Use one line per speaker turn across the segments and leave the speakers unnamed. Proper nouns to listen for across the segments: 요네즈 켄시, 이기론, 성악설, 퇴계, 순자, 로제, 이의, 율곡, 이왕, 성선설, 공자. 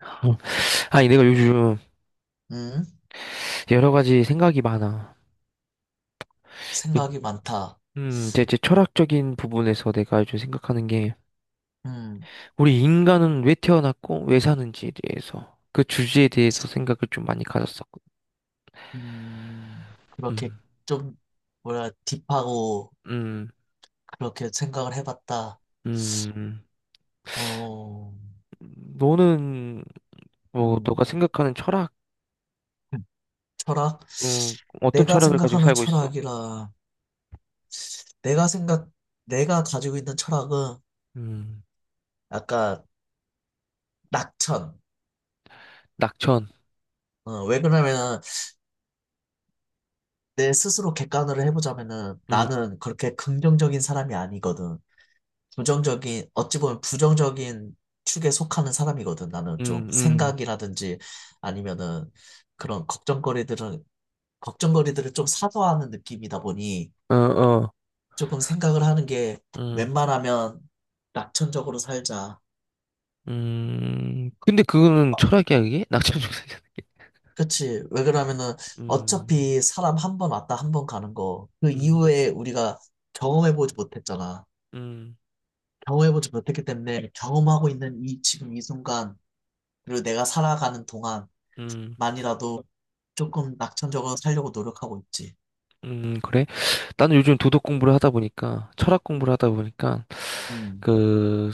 어, 아니, 내가 요즘
음,
여러 가지 생각이 많아. 그,
생각이 많다.
제 철학적인 부분에서 내가 요즘 생각하는 게,
음,
우리 인간은 왜 태어났고, 왜 사는지에 대해서, 그 주제에 대해서 생각을 좀 많이 가졌었거든.
그렇게
음,
좀, 뭐라, 딥하고,
음,
그렇게 생각을 해봤다.
음.
어,
너는, 뭐, 너가
음,
생각하는 철학,
음, 철학?
음, 어떤
내가
철학을 가지고
생각하는
살고 있어?
철학이라, 내가 생각, 내가 가지고 있는 철학은
음,
약간 낙천.
낙천.
왜 그러냐면은, 내 스스로 객관을 해보자면은,
음,
나는 그렇게 긍정적인 사람이 아니거든. 어찌 보면 부정적인 축에 속하는 사람이거든. 나는 좀
음, 음,
생각이라든지 아니면은 그런 걱정거리들은, 걱정거리들을 좀 사소하는 느낌이다 보니
어, 어,
조금 생각을 하는 게
음,
웬만하면 낙천적으로 살자.
근데 그거는 철학이야, 그게? 낙천 중생이잖아.
그치. 왜 그러면은
음.
어차피 사람 한 번 왔다 한 번 가는 거, 그
음,
이후에 우리가 경험해보지 못했잖아.
음,
경험해보지 못했기 때문에 경험하고 있는 이 지금 이 순간, 그리고 내가 살아가는 동안
음,
만이라도 조금 낙천적으로 살려고 노력하고 있지.
그래? 나는 요즘 도덕 공부를 하다 보니까, 철학 공부를 하다 보니까,
음,
그,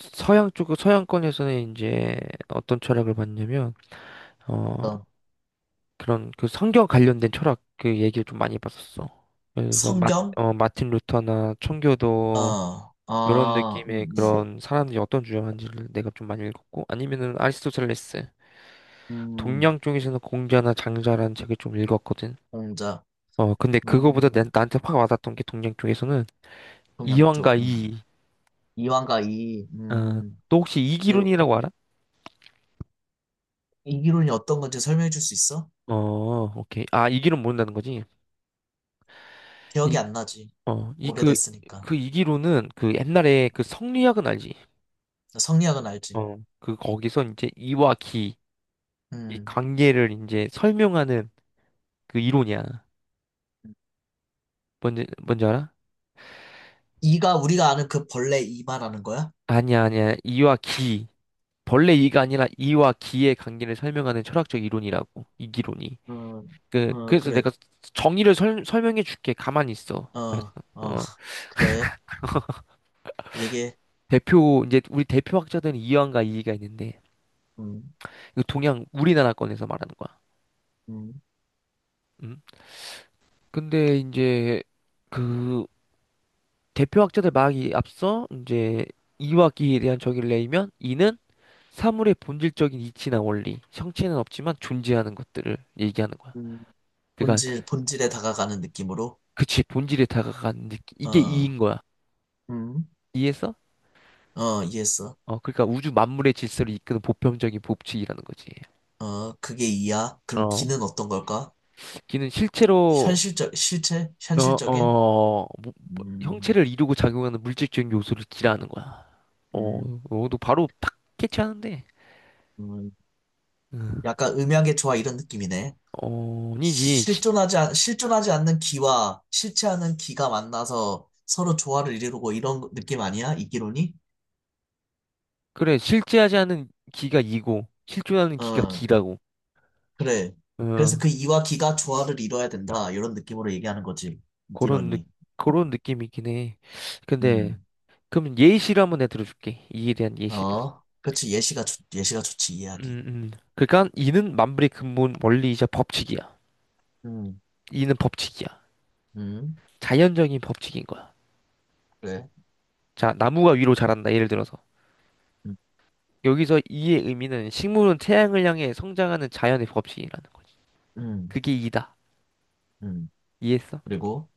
서양 쪽, 서양권에서는 이제 어떤 철학을 봤냐면, 어,
어떤
그런 그 성경 관련된 철학 그 얘기를 좀 많이 봤었어. 그래서
성경?
마틴 루터나 청교도,
어,
요런
아,
느낌의 그런 사람들이 어떤 주장하는지를 내가 좀 많이 읽었고, 아니면은 아리스토텔레스,
음, 음,
동양 쪽에서는 공자나 장자라는 책을 좀 읽었거든.
공자,
근데 그거보다
음,
나한테 확 와닿던 게 동양 쪽에서는
동양
이완과
쪽,
이,
이완과 이,
어, 또 혹시
이제
이기론이라고 알아?
이기론이 어떤 건지 설명해 줄 수 있어?
어, 오케이. 아, 이기론 모른다는 거지?
기억이
이,
안 나지.
어, 이, 그,
오래됐으니까.
그 이기론은 그 옛날에 그 성리학은 알지?
성리학은 알지.
그 거기서 이제 이와 기, 이
음,
관계를 이제 설명하는 그 이론이야. 뭔지 알아?
이가 우리가 아는 그 벌레 이 말하는 거야?
아니야, 아니야. 이와 기. 벌레 이가 아니라 이와 기의 관계를 설명하는 철학적 이론이라고. 이기론이.
어,
그,
어,
그래서
그래,
내가 정의를 설명해 줄게. 가만히 있어.
어, 어,
어,
그래, 얘기해.
이제 우리 대표 학자들은 이완과 이의가 있는데,
음,
이거 동양, 우리나라 건에서 말하는 거야.
음,
음? 근데 이제, 그, 대표 학자들 말하기 앞서, 이제, 이와 기에 대한 정의를 내리면, 이는 사물의 본질적인 이치나 원리, 형체는 없지만 존재하는 것들을 얘기하는 거야.
음.
그러니까,
본질에 다가가는 느낌으로,
그치, 본질에 다가간 느낌. 이게
어,
이인 거야.
음.
이에서?
어, 이해했어.
그러니까 우주 만물의 질서를 이끄는 보편적인 법칙이라는 거지.
어, 그게 이야. 그럼
어,
기는 어떤 걸까?
기는 실제로
현실적, 실체?
어,
현실적인?
어,
음,
형체를 이루고 작용하는 물질적인 요소를 기라는 거야. 어,
음.
어, 너 바로 딱 캐치하는데.
음,
응.
약간 음향의 조화 이런 느낌이네.
어, 아니지.
실존하지 않는 기와 실체하는 기가 만나서 서로 조화를 이루고 이런 느낌 아니야? 이기론이?
그래, 실제하지 않은 기가 이고, 실존하는 기가
어,
기라고.
그래.
어,
그래서 그 이와 기가 조화를 이뤄야 된다. 이런 느낌으로 얘기하는 거지.
그런, 느,
이기론이.
그런 느낌이긴 해. 근데,
음.
그럼 예시를 한번 내가 들어줄게. 이에 대한 예시를.
어, 그렇지. 예시가 좋지. 이해하기.
음, 음. 그러니까 이는 만물의 근본 원리이자 법칙이야.
음,
이는 법칙이야.
음,
자연적인 법칙인 거야.
그래.
자, 나무가 위로 자란다. 예를 들어서.
음,
여기서 이의 의미는 식물은 태양을 향해 성장하는 자연의 법칙이라는 거지.
음,
그게 이다.
음.
이해했어?
그리고,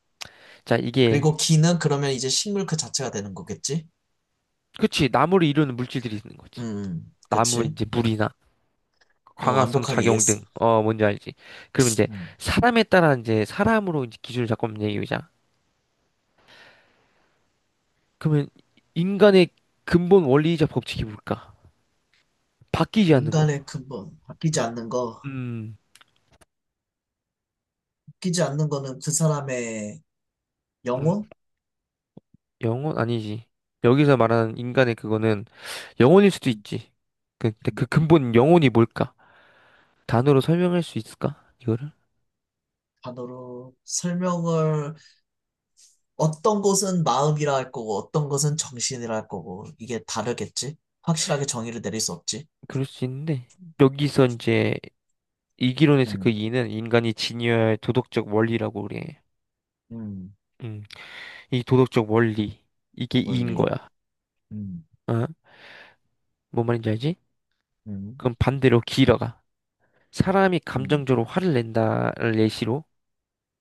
자, 이게
그리고 기는 그러면 이제 식물 그 자체가 되는 거겠지?
그치. 나무를 이루는 물질들이 있는 거지. 나무
그치.
이제 물이나
어,
광학성
완벽하게
작용 등.
이해했어.
뭔지 알지? 그러면 이제
음.
사람에 따라 이제 사람으로 이제 기준을 잡고 한번 얘기해 보자. 그러면 인간의 근본 원리이자 법칙이 뭘까? 바뀌지 않는 거야.
인간의 근본, 바뀌지
음.
않는 거.
음.
바뀌지 않는 거는 그 사람의
음.
영혼?
영혼 아니지. 여기서 말하는 인간의 그거는 영혼일 수도
음,
있지. 근데 그
음.
근본 영혼이 뭘까? 단어로 설명할 수 있을까? 이거를?
단어로 설명을, 어떤 것은 마음이라 할 거고, 어떤 것은 정신이라 할 거고, 이게 다르겠지? 확실하게 정의를 내릴 수 없지?
그럴 수 있는데 여기서 이제 이기론에서 그
음,
이는 인간이 지녀야 할 도덕적 원리라고 그래.
음.
음, 이 도덕적 원리 이게 이인
원리.
거야.
음,
어? 뭔 말인지 알지?
음,
그럼 반대로 기라가 사람이
음,
감정적으로 화를 낸다를 예시로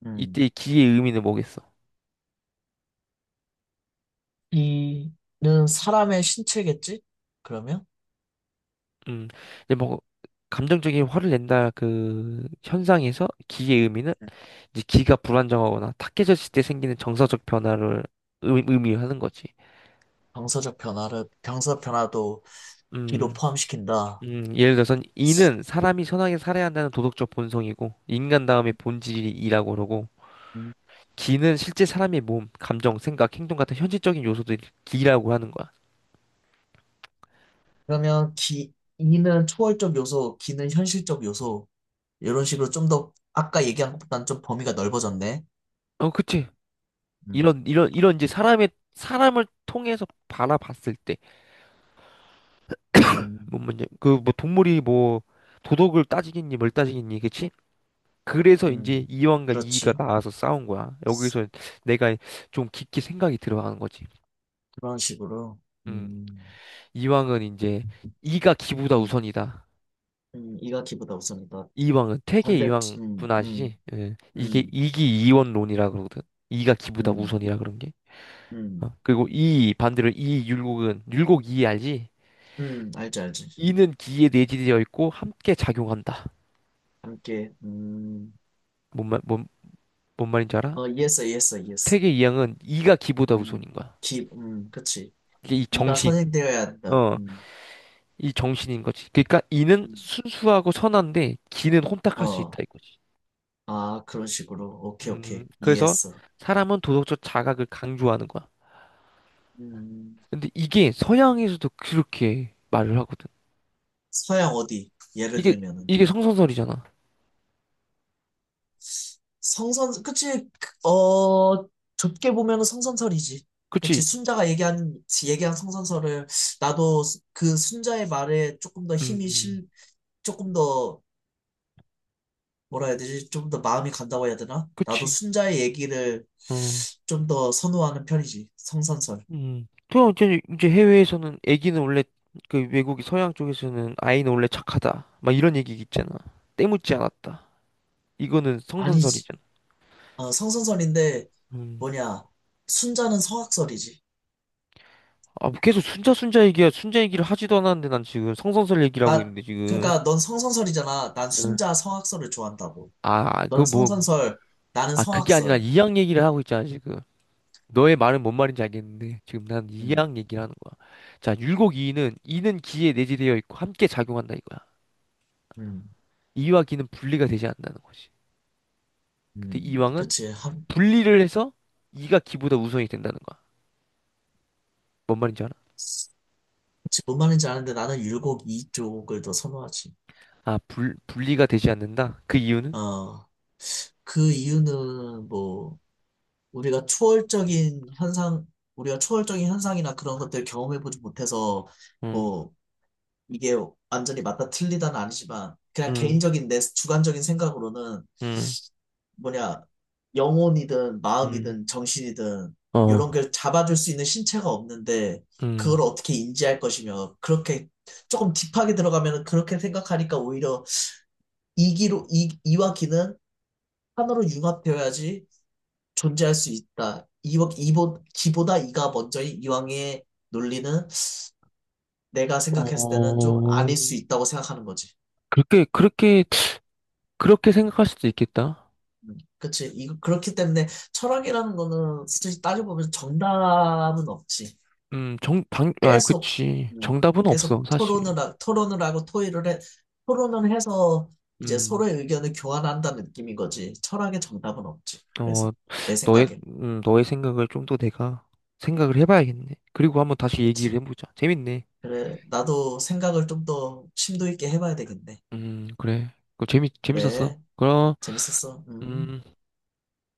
음.
이때 의 기의 의미는 뭐겠어?
이는 사람의 신체겠지? 그러면
음, 근데 뭐, 감정적인 화를 낸다 그 현상에서 기의 의미는 이제 기가 불안정하거나 탁해졌을 때 생기는 정서적 변화를 의미하는 거지.
방사 변화도 기로
음,
포함시킨다.
예를 들어서 이는 사람이 선하게 살아야 한다는 도덕적 본성이고 인간 다음의 본질이 이라고 그러고
음.
기는 실제 사람의 몸, 감정, 생각, 행동 같은 현실적인 요소들이 기라고 하는 거야.
그러면 기 이는 초월적 요소, 기는 현실적 요소 이런 식으로 좀 더 아까 얘기한 것보다는 좀 범위가 넓어졌네.
어, 그치.
음,
이런 이제 사람의 사람을 통해서 바라봤을 때.
음,
뭐냐 그뭐 동물이 뭐 도덕을 따지겠니 뭘 따지겠니 그치? 그래서 이제
음,
이왕과 이의가
그렇지.
나와서 싸운 거야. 여기서 내가 좀 깊게 생각이 들어가는 거지.
그런 식으로.
음,
음,
이왕은 이제 이가 기보다
음,
우선이다.
이가 기보다 우선이다.
이왕은 태계
반대,
이왕 분
음,
아시지?
음,
예, 이게
음,
이기이원론이라 그러거든. 이가 기보다
음,
우선이라 그런 게.
음.
그리고 이 반대로 이 율곡은 율곡 이 알지?
알지, 알지.
이는 기에 내재되어 있고 함께 작용한다.
함께,
뭔 말, 뭔, 뭔 말인지 알아?
어, 이해했어, 이해했어, 이해했어.
퇴계 이항은 이가 기보다 우선인 거야.
그치.
이게 이
이가
정신,
선행되어야 한다.
어, 이 정신인 거지. 그러니까 이는
음,
순수하고 선한데 기는 혼탁할 수 있다
어,
이거지.
아, 그런 식으로. 오케이, 오케이.
그래서
이해했어.
사람은 도덕적 자각을 강조하는 거야.
음,
근데 이게 서양에서도 그렇게 말을 하거든.
서양 어디? 예를
이게
들면은.
이게 성선설이잖아.
성선, 그치, 그, 어, 좁게 보면은 성선설이지. 그치,
그치?
얘기한 성선설을, 나도 그 순자의 말에
음,
조금 더 뭐라 해야 되지? 좀 더 마음이 간다고 해야 되나? 나도
그치?
순자의 얘기를
음,
좀 더 선호하는 편이지. 성선설.
그럼 이제 해외에서는 애기는 원래 그 외국이 서양 쪽에서는 아이는 원래 착하다. 막 이런 얘기 있잖아. 때묻지 않았다. 이거는
아니지.
성선설이잖아.
어, 성선설인데
음.
뭐냐? 순자는 성악설이지.
아, 뭐 계속 순자 순자 얘기야. 순자 얘기를 하지도 않았는데 난 지금 성선설 얘기를 하고
나
있는데 지금.
그러니까 넌 성선설이잖아. 난
응.
순자 성악설을 좋아한다고.
아, 그
넌
뭐,
성선설, 나는
아, 그게 아니라
성악설.
이양 얘기를 하고 있잖아, 지금. 너의 말은 뭔 말인지 알겠는데, 지금 난
음,
이양 얘기를 하는 거야. 자, 율곡 이는 기에 내재되어 있고 함께 작용한다 이거야.
음,
이와 기는 분리가 되지 않는다는 거지. 근데 이왕은
그치. 한,
분리를 해서 이가 기보다 우선이 된다는 거야. 뭔 말인지 알아?
그치. 뭔 말인지 아는데 나는 율곡 이쪽을 더 선호하지.
아, 분리가 되지 않는다? 그 이유는?
어, 그 이유는 뭐. 우리가 초월적인 현상, 우리가 초월적인 현상이나 그런 것들을 경험해보지 못해서,
음,
뭐, 이게 완전히 맞다 틀리다는 아니지만, 그냥
음.
개인적인 내 주관적인 생각으로는,
음.
뭐냐, 영혼이든
음.
마음이든 정신이든, 이런
어,
걸 잡아줄 수 있는 신체가 없는데,
음,
그걸 어떻게 인지할 것이며, 그렇게 조금 딥하게 들어가면 그렇게 생각하니까 오히려 이와 기는 하나로 융합되어야지 존재할 수 있다. 기보다 이가 먼저인 이왕의 논리는 내가 생각했을 때는 좀
어,
아닐 수 있다고 생각하는 거지.
그렇게, 그렇게, 그렇게 생각할 수도 있겠다.
그치. 이, 그렇기 때문에 철학이라는 거는 솔직히 따져보면 정답은 없지.
아,
계속,
그치.
음,
정답은 없어, 사실.
토론을 하고 토론을 해서 이제
음,
서로의 의견을 교환한다는 느낌인 거지. 철학의 정답은 없지.
어,
그래서, 내
너의,
생각엔.
음, 너의 생각을 좀 더 내가 생각을 해봐야겠네. 그리고 한번 다시 얘기를
그치.
해보자. 재밌네.
그래, 나도 생각을 좀 더 심도 있게 해봐야 되겠네.
그래. 그 재밌었어.
그래.
그럼,
재밌었어. 음.
음.